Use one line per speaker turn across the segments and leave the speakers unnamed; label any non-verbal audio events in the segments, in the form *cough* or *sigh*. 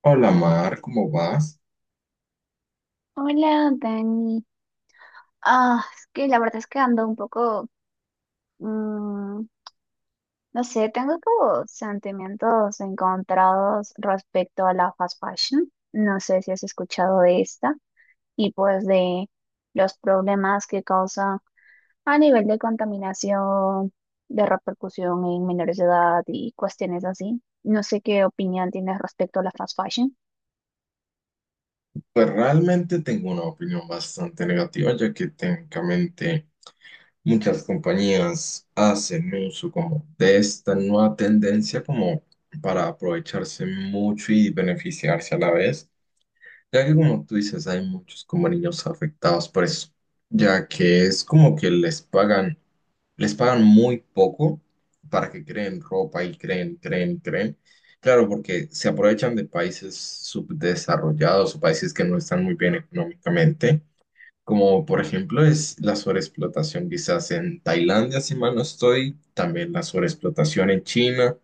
Hola Mar, ¿cómo vas?
Hola, Dani. Ah, es que la verdad es que ando un poco, mm, no sé, tengo como sentimientos encontrados respecto a la fast fashion. No sé si has escuchado de esta y pues de los problemas que causa a nivel de contaminación, de repercusión en menores de edad y cuestiones así. No sé qué opinión tienes respecto a la fast fashion.
Pues realmente tengo una opinión bastante negativa, ya que técnicamente muchas compañías hacen uso como de esta nueva tendencia como para aprovecharse mucho y beneficiarse a la vez, ya que como tú dices, hay muchos como niños afectados por eso, ya que es como que les pagan. Les pagan muy poco para que creen ropa y creen. Claro, porque se aprovechan de países subdesarrollados o países que no están muy bien económicamente, como por ejemplo es la sobreexplotación quizás en Tailandia, si mal no estoy, también la sobreexplotación en China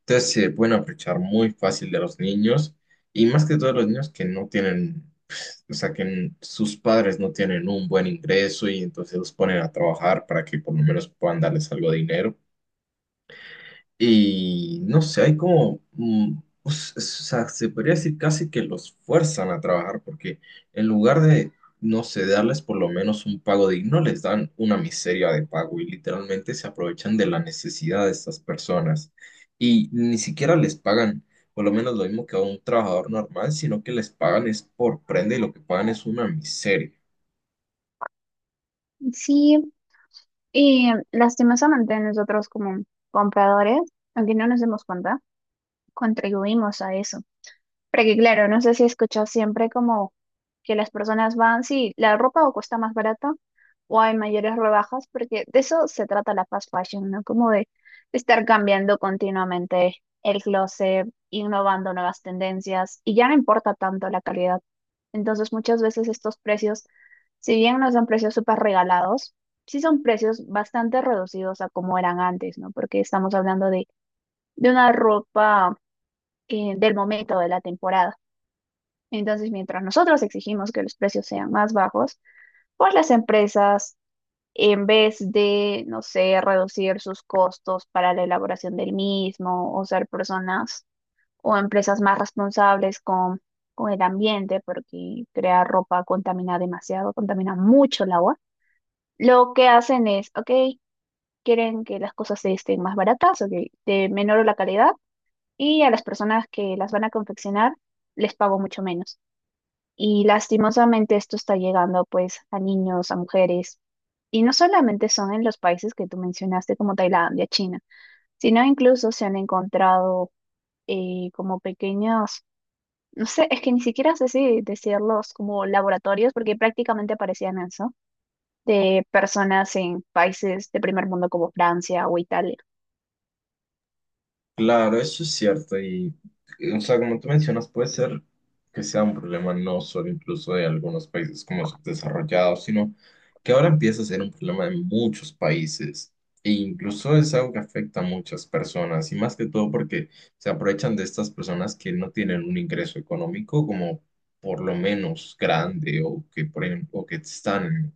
entonces se pueden aprovechar muy fácil de los niños y más que todo los niños que no tienen, pues, o sea, que sus padres no tienen un buen ingreso y entonces los ponen a trabajar para que por lo menos puedan darles algo de dinero. Y no sé, hay como, o sea, se podría decir casi que los fuerzan a trabajar porque en lugar de, no sé, darles por lo menos un pago digno, no les dan una miseria de pago y literalmente se aprovechan de la necesidad de estas personas. Y ni siquiera les pagan por lo menos lo mismo que a un trabajador normal, sino que les pagan es por prenda y lo que pagan es una miseria.
Sí. Y lastimosamente nosotros como compradores, aunque no nos demos cuenta, contribuimos a eso. Porque claro, no sé si he escuchado siempre como que las personas van, sí, la ropa o cuesta más barata o hay mayores rebajas, porque de eso se trata la fast fashion, ¿no? Como de estar cambiando continuamente el closet, innovando nuevas tendencias y ya no importa tanto la calidad. Entonces muchas veces estos precios, si bien no son precios súper regalados, sí son precios bastante reducidos a como eran antes, ¿no? Porque estamos hablando de una ropa del momento de la temporada. Entonces, mientras nosotros exigimos que los precios sean más bajos, pues las empresas, en vez de, no sé, reducir sus costos para la elaboración del mismo o ser personas o empresas más responsables con el ambiente, porque crear ropa contamina demasiado, contamina mucho el agua, lo que hacen es, ok, quieren que las cosas estén más baratas, ok, de menor la calidad, y a las personas que las van a confeccionar les pago mucho menos. Y lastimosamente esto está llegando pues a niños, a mujeres. Y no solamente son en los países que tú mencionaste como Tailandia, China, sino incluso se han encontrado como pequeños, no sé, es que ni siquiera sé si decirlos como laboratorios, porque prácticamente parecían eso, de personas en países de primer mundo como Francia o Italia.
Claro, eso es cierto. Y, o sea, como tú mencionas, puede ser que sea un problema no solo incluso de algunos países como subdesarrollados, sino que ahora empieza a ser un problema de muchos países. E incluso es algo que afecta a muchas personas, y más que todo porque se aprovechan de estas personas que no tienen un ingreso económico como por lo menos grande o que, por ejemplo, o que están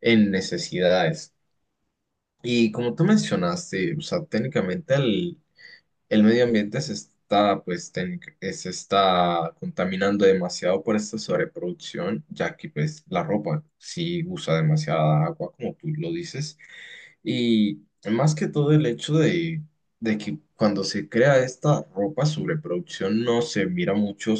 en necesidades. Y como tú mencionaste, o sea, técnicamente el medio ambiente se está, pues, se está contaminando demasiado por esta sobreproducción, ya que pues la ropa sí usa demasiada agua, como tú lo dices, y más que todo el hecho de que cuando se crea esta ropa sobreproducción no se mira mucho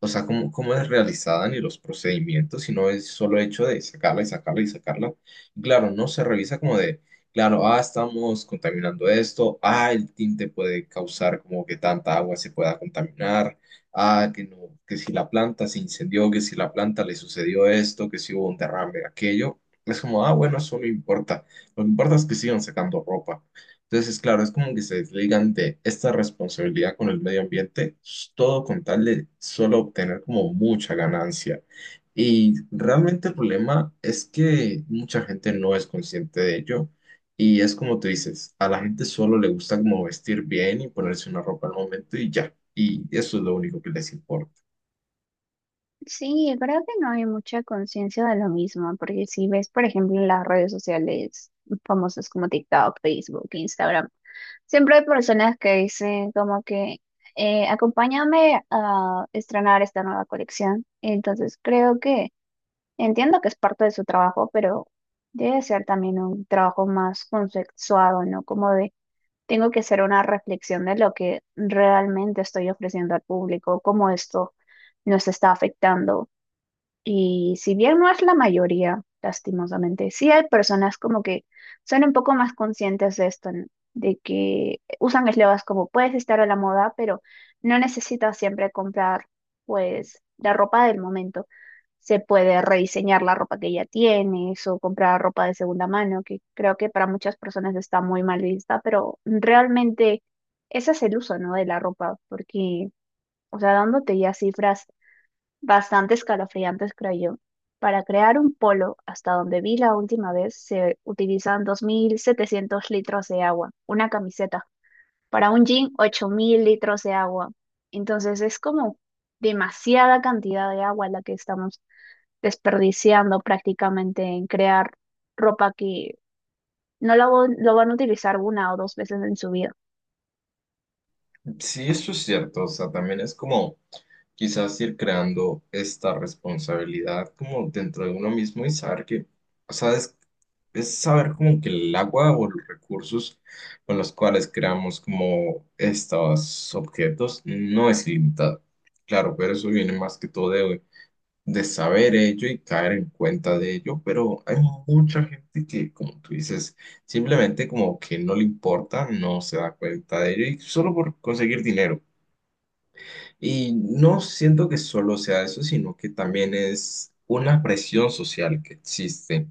o sea, cómo es realizada ni los procedimientos, sino es solo hecho de sacarla y sacarla y sacarla. Claro, no se revisa como de, claro, ah, estamos contaminando esto, ah, el tinte puede causar como que tanta agua se pueda contaminar, ah, que no, que si la planta se incendió, que si la planta le sucedió esto, que si hubo un derrame, aquello. Es como, ah, bueno, eso no importa. Lo que importa es que sigan sacando ropa. Entonces, claro, es como que se desligan de esta responsabilidad con el medio ambiente, todo con tal de solo obtener como mucha ganancia. Y realmente el problema es que mucha gente no es consciente de ello. Y es como tú dices, a la gente solo le gusta como vestir bien y ponerse una ropa al momento y ya. Y eso es lo único que les importa.
Sí, creo que no hay mucha conciencia de lo mismo, porque si ves, por ejemplo, en las redes sociales famosas como TikTok, Facebook, Instagram, siempre hay personas que dicen como que acompáñame a estrenar esta nueva colección. Entonces, creo que entiendo que es parte de su trabajo, pero debe ser también un trabajo más consensuado, ¿no? Como de, tengo que hacer una reflexión de lo que realmente estoy ofreciendo al público, cómo esto nos está afectando y si bien no es la mayoría, lastimosamente, sí hay personas como que son un poco más conscientes de esto, ¿no? De que usan eslogans como puedes estar a la moda, pero no necesitas siempre comprar pues la ropa del momento. Se puede rediseñar la ropa que ya tienes o comprar ropa de segunda mano, que creo que para muchas personas está muy mal vista, pero realmente ese es el uso, ¿no? De la ropa, porque, o sea, dándote ya cifras bastante escalofriantes, creo yo. Para crear un polo, hasta donde vi la última vez, se utilizan 2700 litros de agua, una camiseta. Para un jean, 8000 litros de agua. Entonces es como demasiada cantidad de agua la que estamos desperdiciando prácticamente en crear ropa que no la, vo- lo van a utilizar una o dos veces en su vida.
Sí, eso es cierto, o sea, también es como quizás ir creando esta responsabilidad como dentro de uno mismo y saber que, o sea, es saber como que el agua o los recursos con los cuales creamos como estos objetos no es limitado. Claro, pero eso viene más que todo de saber ello y caer en cuenta de ello, pero hay mucha gente que, como tú dices, simplemente como que no le importa, no se da cuenta de ello y solo por conseguir dinero. Y no siento que solo sea eso, sino que también es una presión social que existe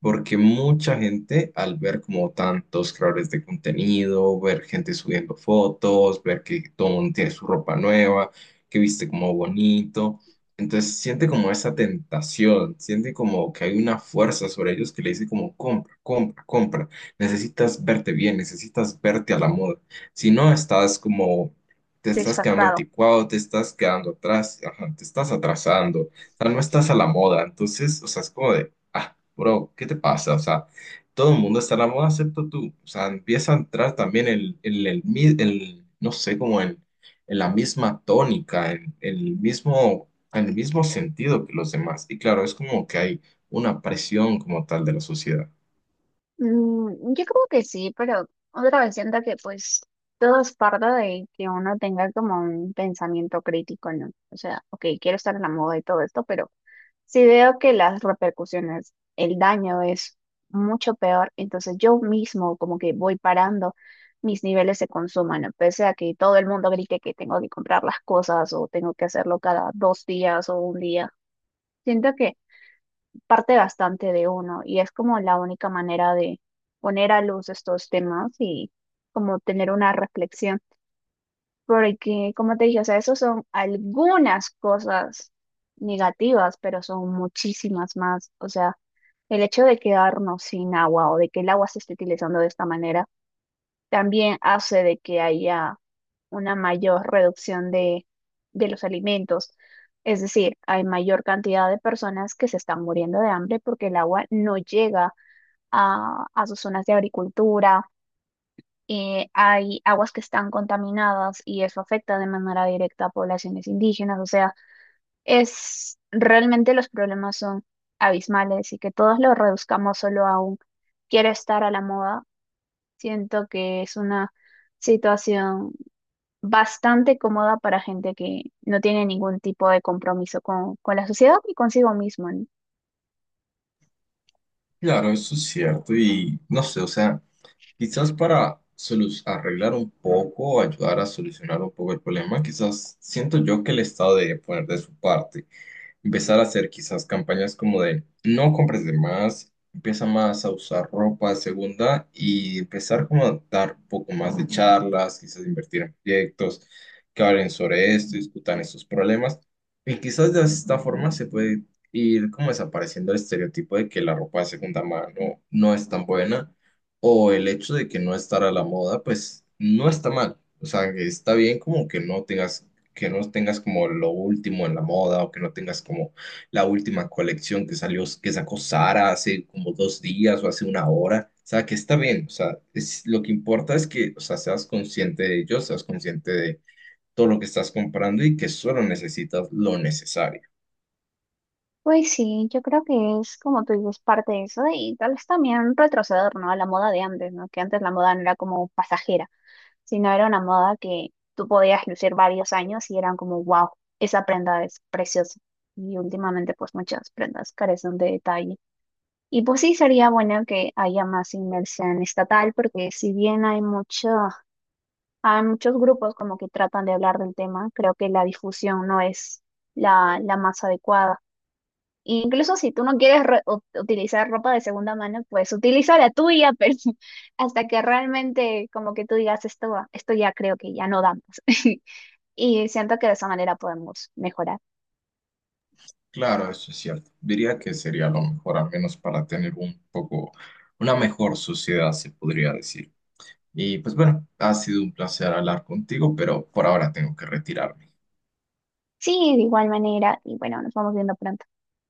porque mucha gente al ver como tantos creadores de contenido, ver gente subiendo fotos, ver que todo el mundo tiene su ropa nueva, que viste como bonito, entonces siente como esa tentación, siente como que hay una fuerza sobre ellos que le dice como compra, compra, compra, necesitas verte bien, necesitas verte a la moda, si no estás como. Te estás quedando
Desfasado.
anticuado, te estás quedando atrás, ajá, te estás atrasando, o sea, no estás a la moda, entonces, o sea, es como de, ah, Bro, ¿qué te pasa? O sea, todo el mundo está en la moda excepto tú. O sea, empieza a entrar también el no sé, como en la misma tónica, en el mismo sentido que los demás. Y claro, es como que hay una presión como tal de la sociedad.
Yo creo que sí, pero otra vez siento que pues todo es parte de que uno tenga como un pensamiento crítico, ¿no? O sea, ok, quiero estar en la moda y todo esto, pero si veo que las repercusiones, el daño es mucho peor, entonces yo mismo como que voy parando mis niveles de consumo, ¿no? Pese a que todo el mundo grite que tengo que comprar las cosas o tengo que hacerlo cada dos días o un día. Siento que parte bastante de uno y es como la única manera de poner a luz estos temas y como tener una reflexión, porque como te dije, o sea, eso son algunas cosas negativas, pero son muchísimas más, o sea, el hecho de quedarnos sin agua o de que el agua se esté utilizando de esta manera también hace de que haya una mayor reducción de los alimentos. Es decir, hay mayor cantidad de personas que se están muriendo de hambre porque el agua no llega a sus zonas de agricultura. Hay aguas que están contaminadas y eso afecta de manera directa a poblaciones indígenas. O sea, es realmente los problemas son abismales y que todos los reduzcamos solo a un quiero estar a la moda. Siento que es una situación bastante cómoda para gente que no tiene ningún tipo de compromiso con la sociedad y consigo mismo, ¿no?
Claro, eso es cierto. Y no sé, o sea, quizás para arreglar un poco, ayudar a solucionar un poco el problema, quizás siento yo que el Estado debe poner de su parte empezar a hacer quizás campañas como de no compres de más, empieza más a usar ropa de segunda y empezar como a dar un poco más de charlas, quizás invertir en proyectos que hablen sobre esto, discutan estos problemas. Y quizás de esta forma se puede ir como desapareciendo el estereotipo de que la ropa de segunda mano no es tan buena o el hecho de que no estar a la moda, pues no está mal. O sea, que está bien como que no tengas como lo último en la moda o que no tengas como la última colección que salió, que sacó Sara hace como 2 días o hace una hora. O sea, que está bien. O sea, es, lo que importa es que, o sea, seas consciente de ello, seas consciente de todo lo que estás comprando y que solo necesitas lo necesario.
Pues sí, yo creo que es como tú dices, parte de eso y tal vez también retroceder, ¿no? A la moda de antes, ¿no? Que antes la moda no era como pasajera, sino era una moda que tú podías lucir varios años y eran como, wow, esa prenda es preciosa. Y últimamente pues muchas prendas carecen de detalle. Y pues sí, sería bueno que haya más inversión estatal, porque si bien hay mucho hay muchos grupos como que tratan de hablar del tema. Creo que la difusión no es la más adecuada. Incluso si tú no quieres utilizar ropa de segunda mano, pues utiliza la tuya, *laughs* pero hasta que realmente como que tú digas esto, esto ya creo que ya no damos. *laughs* Y siento que de esa manera podemos mejorar.
Claro, eso es cierto. Diría que sería lo mejor, al menos para tener un poco, una mejor sociedad, se podría decir. Y pues bueno, ha sido un placer hablar contigo, pero por ahora tengo que retirarme.
Sí, de igual manera. Y bueno, nos vamos viendo pronto.